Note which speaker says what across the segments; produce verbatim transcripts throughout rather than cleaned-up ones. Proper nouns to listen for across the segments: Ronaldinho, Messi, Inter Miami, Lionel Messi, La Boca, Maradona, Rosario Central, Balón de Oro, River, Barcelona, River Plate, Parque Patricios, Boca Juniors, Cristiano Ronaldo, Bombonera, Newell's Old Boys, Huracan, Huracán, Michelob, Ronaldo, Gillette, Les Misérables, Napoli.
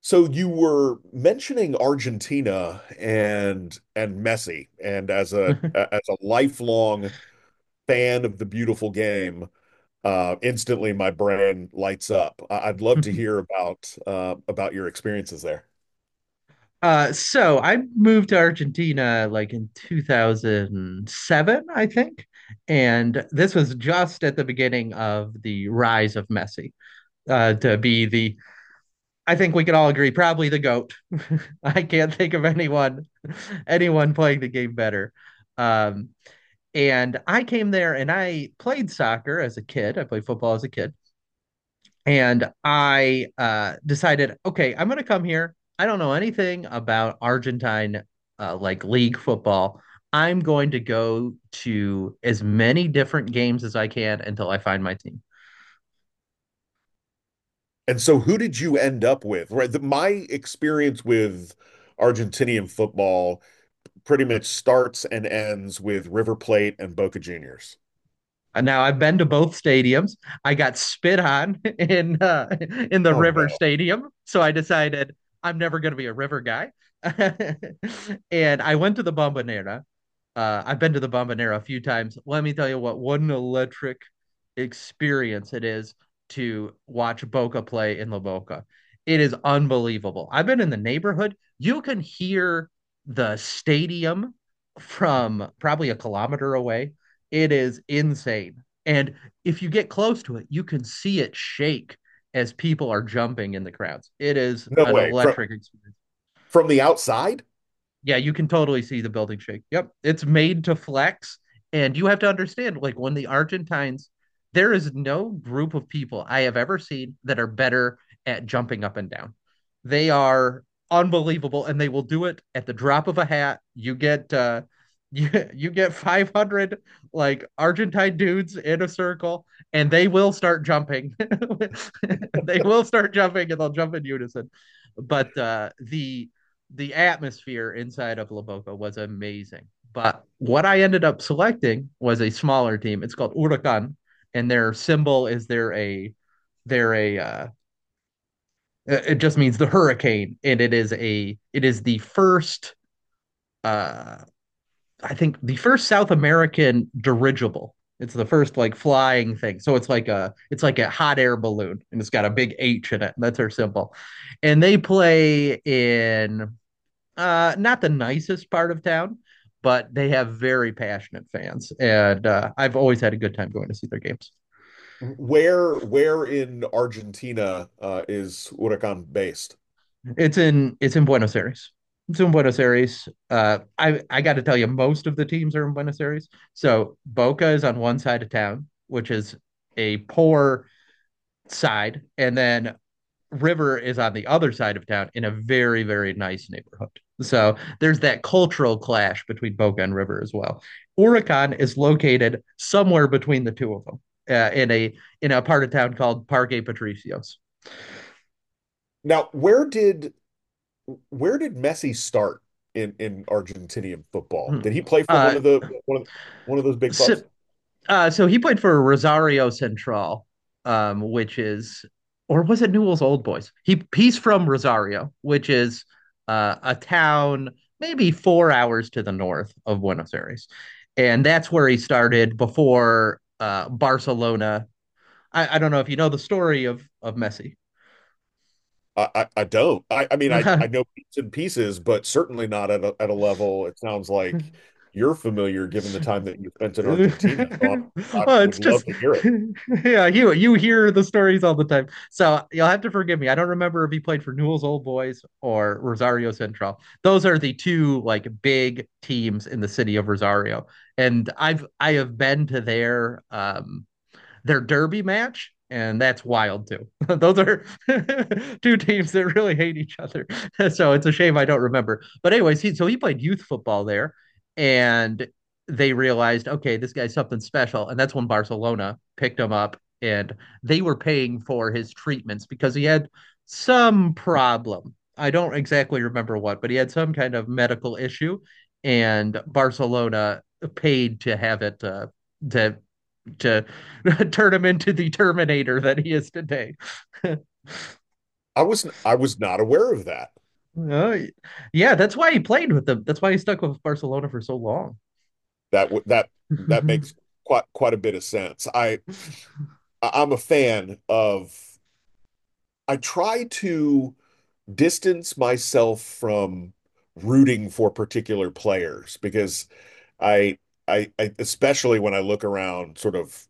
Speaker 1: So you were mentioning Argentina and and Messi, and as a as a lifelong fan of the beautiful game, uh, instantly my brain lights up. I- I'd love to hear about uh, about your experiences there.
Speaker 2: Uh, so I moved to Argentina like in two thousand seven, I think. And this was just at the beginning of the rise of Messi uh, to be the, I think we can all agree, probably the GOAT. I can't think of anyone, anyone playing the game better. Um, and I came there and I played soccer as a kid. I played football as a kid. And I uh, decided, okay, I'm going to come here. I don't know anything about Argentine uh, like league football. I'm going to go to as many different games as I can until I find my team.
Speaker 1: And so, who did you end up with? Right, the, my experience with Argentinian football pretty much starts and ends with River Plate and Boca Juniors.
Speaker 2: And now I've been to both stadiums. I got spit on in uh, in the
Speaker 1: Oh
Speaker 2: River
Speaker 1: no,
Speaker 2: Stadium, so I decided I'm never going to be a River guy. and I went to the Bombonera, uh, I've been to the Bombonera a few times. Let me tell you what, what an electric experience it is to watch Boca play in La Boca. It is unbelievable. I've been in the neighborhood. You can hear the stadium from probably a kilometer away. It is insane. And if you get close to it, you can see it shake as people are jumping in the crowds. It is
Speaker 1: no
Speaker 2: an
Speaker 1: way! From
Speaker 2: electric experience.
Speaker 1: from the outside?
Speaker 2: Yeah, you can totally see the building shake. Yep. It's made to flex. And you have to understand, like, when the Argentines, there is no group of people I have ever seen that are better at jumping up and down. They are unbelievable and they will do it at the drop of a hat. You get, uh, you, you get five hundred like Argentine dudes in a circle and they will start jumping. they will start jumping and they'll jump in unison. But uh, the the atmosphere inside of La Boca was amazing. But what I ended up selecting was a smaller team. It's called Huracan, and their symbol is they're a they're a uh, it just means the hurricane, and it is a it is the first uh I think the first South American dirigible. It's the first like flying thing. So it's like a it's like a hot air balloon and it's got a big H in it. That's their symbol. And they play in uh, not the nicest part of town, but they have very passionate fans, and uh, I've always had a good time going to see their games.
Speaker 1: Where where in Argentina uh, is Huracan based?
Speaker 2: It's in it's in Buenos Aires. It's in Buenos Aires. Uh, I I got to tell you, most of the teams are in Buenos Aires. So Boca is on one side of town, which is a poor side, and then River is on the other side of town in a very, very nice neighborhood. So there's that cultural clash between Boca and River as well. Oricon is located somewhere between the two of them uh, in a in a part of town called Parque Patricios.
Speaker 1: Now, where did where did Messi start in in Argentinian football? Did he play for one
Speaker 2: Uh,
Speaker 1: of the one of one of those big
Speaker 2: so
Speaker 1: clubs?
Speaker 2: Uh, so he played for Rosario Central, um, which is, or was it Newell's Old Boys? He he's from Rosario, which is uh, a town maybe four hours to the north of Buenos Aires, and that's where he started before uh, Barcelona. I, I don't know if you know the story of of Messi.
Speaker 1: I I, I don't. I, I mean I I know bits and pieces, but certainly not at a, at a level it sounds like you're familiar given the time that you spent in Argentina. So I, I
Speaker 2: Oh,
Speaker 1: would
Speaker 2: it's just
Speaker 1: love to hear it.
Speaker 2: yeah, you you hear the stories all the time. So you'll have to forgive me. I don't remember if he played for Newell's Old Boys or Rosario Central. Those are the two like big teams in the city of Rosario. And I've I have been to their um their derby match, and that's wild too. Those are two teams that really hate each other. so it's a shame I don't remember. But anyways, he so he played youth football there, and they realized, okay, this guy's something special, and that's when Barcelona picked him up, and they were paying for his treatments because he had some problem. I don't exactly remember what, but he had some kind of medical issue, and Barcelona paid to have it uh, to to turn him into the Terminator that he is today.
Speaker 1: I wasn't I was not aware of that.
Speaker 2: Uh, yeah, that's why he played with them. That's why he stuck with Barcelona for so long.
Speaker 1: That w- that that makes quite quite a bit of sense. I I- am a fan of, I try to distance myself from rooting for particular players because I, I, I especially when I look around sort of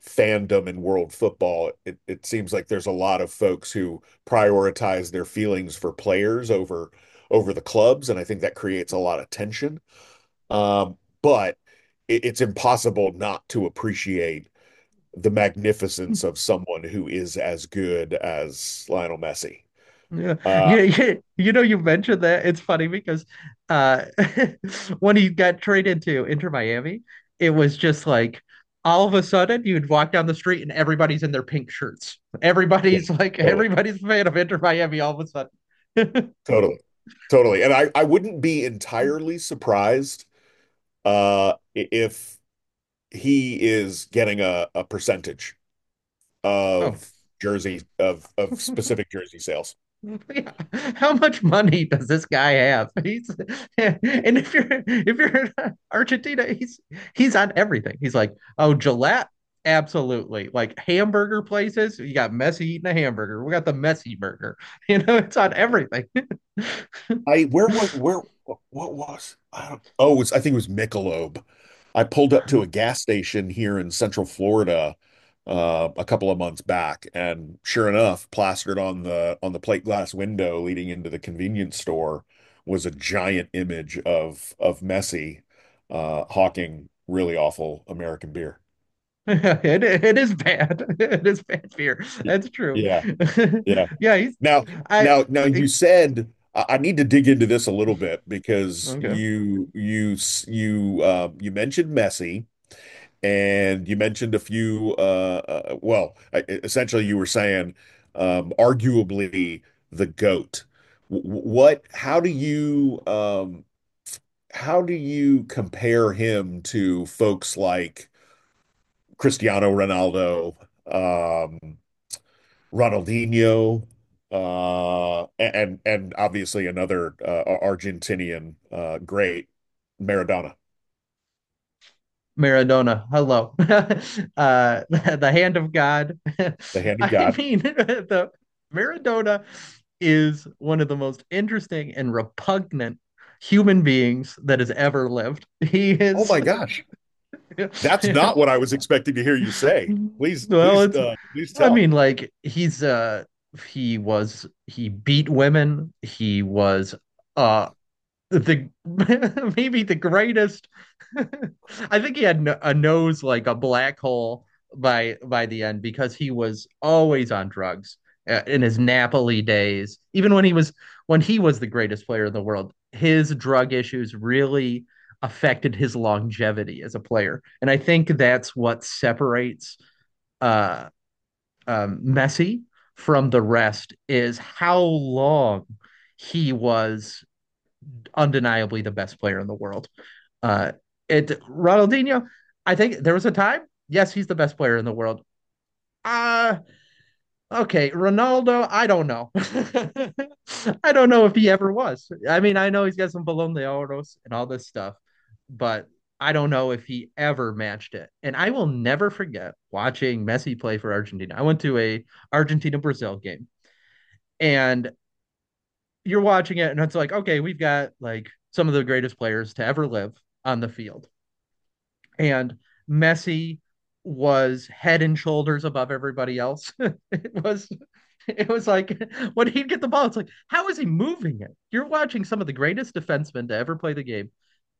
Speaker 1: fandom in world football, it, it seems like there's a lot of folks who prioritize their feelings for players over over the clubs, and I think that creates a lot of tension. Um, but it, it's impossible not to appreciate the magnificence of someone who is as good as Lionel Messi.
Speaker 2: Yeah.
Speaker 1: Uh,
Speaker 2: yeah, yeah, you know, you mentioned that it's funny because uh, when he got traded to Inter Miami, it was just like all of a sudden you'd walk down the street and everybody's in their pink shirts.
Speaker 1: yeah,
Speaker 2: Everybody's like
Speaker 1: totally,
Speaker 2: everybody's a fan of Inter Miami all of a sudden.
Speaker 1: totally, totally. And I, I wouldn't be entirely surprised uh, if he is getting a, a percentage
Speaker 2: oh,
Speaker 1: of jersey of of specific jersey sales.
Speaker 2: Yeah. How much money does this guy have? He's and if you're if you're in Argentina, he's he's on everything. He's like, oh, Gillette, absolutely. Like hamburger places, you got Messi eating a hamburger. We got the Messi burger. You know, it's on everything.
Speaker 1: I where was where what was I don't oh it I think it was Michelob. I pulled up to a gas station here in Central Florida uh, a couple of months back, and sure enough, plastered on the on the plate glass window leading into the convenience store was a giant image of of Messi uh, hawking really awful American beer.
Speaker 2: It it is bad. It is bad beer.
Speaker 1: Y-
Speaker 2: That's true.
Speaker 1: Yeah, yeah.
Speaker 2: Yeah, he's
Speaker 1: Now,
Speaker 2: I
Speaker 1: now, now you
Speaker 2: it,
Speaker 1: said I I need to dig into this a little bit because
Speaker 2: okay.
Speaker 1: you you s- you uh, you mentioned Messi and you mentioned a few uh, uh well I- e, essentially you were saying um arguably the GOAT. Wh- What how do you um how do you compare him to folks like Cristiano Ronaldo, um Ronaldinho, uh, and and obviously another uh, Argentinian uh, great, Maradona,
Speaker 2: Maradona, hello, uh, the the hand of God.
Speaker 1: the hand of
Speaker 2: I
Speaker 1: God.
Speaker 2: mean, the Maradona is one of the most interesting and repugnant human beings that has ever lived. He
Speaker 1: Oh
Speaker 2: is,
Speaker 1: my gosh, that's not
Speaker 2: well,
Speaker 1: what I was expecting to hear you say. Please, please,
Speaker 2: it's.
Speaker 1: uh, please
Speaker 2: I
Speaker 1: tell.
Speaker 2: mean, like he's uh he was he beat women. He was uh the maybe the greatest I think he had no, a nose like a black hole by by the end because he was always on drugs uh, in his Napoli days. Even when he was when he was the greatest player in the world, his drug issues really affected his longevity as a player. And I think that's what separates uh, um, Messi from the rest is how long he was undeniably the best player in the world. Uh, it Ronaldinho, I think there was a time. Yes, he's the best player in the world. Uh okay, Ronaldo, I don't know. I don't know if he ever was. I mean, I know he's got some Balón de Oros and all this stuff, but I don't know if he ever matched it. And I will never forget watching Messi play for Argentina. I went to a Argentina Brazil game and you're watching it and it's like, okay, we've got like some of the greatest players to ever live on the field. And Messi was head and shoulders above everybody else. it was it was like when he'd get the ball, it's like, how is he moving it? You're watching some of the greatest defensemen to ever play the game.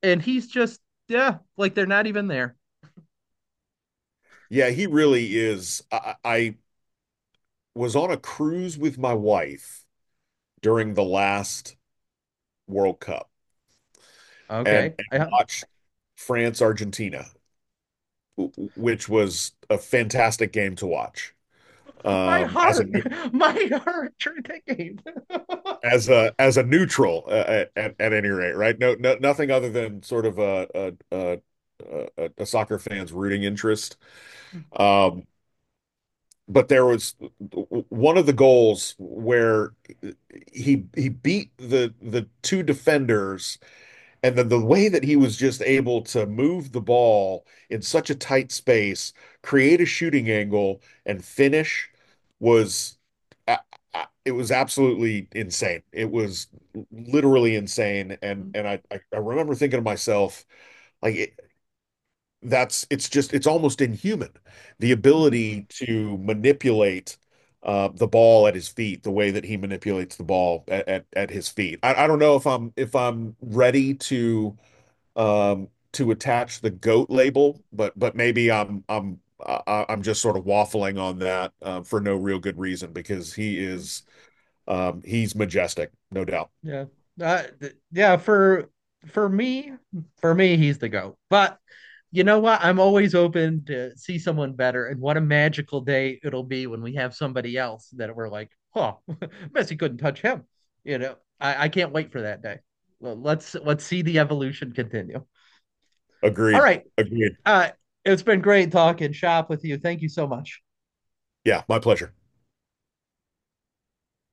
Speaker 2: And he's just, yeah, like they're not even there.
Speaker 1: Yeah, he really is. I, I was on a cruise with my wife during the last World Cup and,
Speaker 2: Okay.
Speaker 1: and
Speaker 2: I,
Speaker 1: watched France Argentina, w- which was a fantastic game to watch.
Speaker 2: my
Speaker 1: Um, as a
Speaker 2: heart, my heart during that game.
Speaker 1: as a as a neutral uh, at at any rate, right? No, no, nothing other than sort of a a a, a, soccer fan's rooting interest. Um, but there was one of the goals where he he beat the the two defenders and then the way that he was just able to move the ball in such a tight space, create a shooting angle, and finish was uh, uh, it was absolutely insane. It was literally insane. And and I I I remember thinking to myself, like it, that's it's just it's almost inhuman, the ability to manipulate uh, the ball at his feet, the way that he manipulates the ball at at, at his feet. I, I don't know if I'm if I'm ready to um, to attach the goat label, but but maybe I'm I'm I'm just sort of waffling on that uh, for no real good reason because he is um, he's majestic, no doubt.
Speaker 2: Yeah. Uh, th- yeah, for for me, for me, he's the GOAT. But you know what? I'm always open to see someone better, and what a magical day it'll be when we have somebody else that we're like, oh, Messi couldn't touch him. You know, I, I can't wait for that day. Well, let's let's see the evolution continue. All
Speaker 1: Agreed.
Speaker 2: right.
Speaker 1: Agreed.
Speaker 2: Uh, it's been great talking shop with you. Thank you so much.
Speaker 1: Yeah, my pleasure.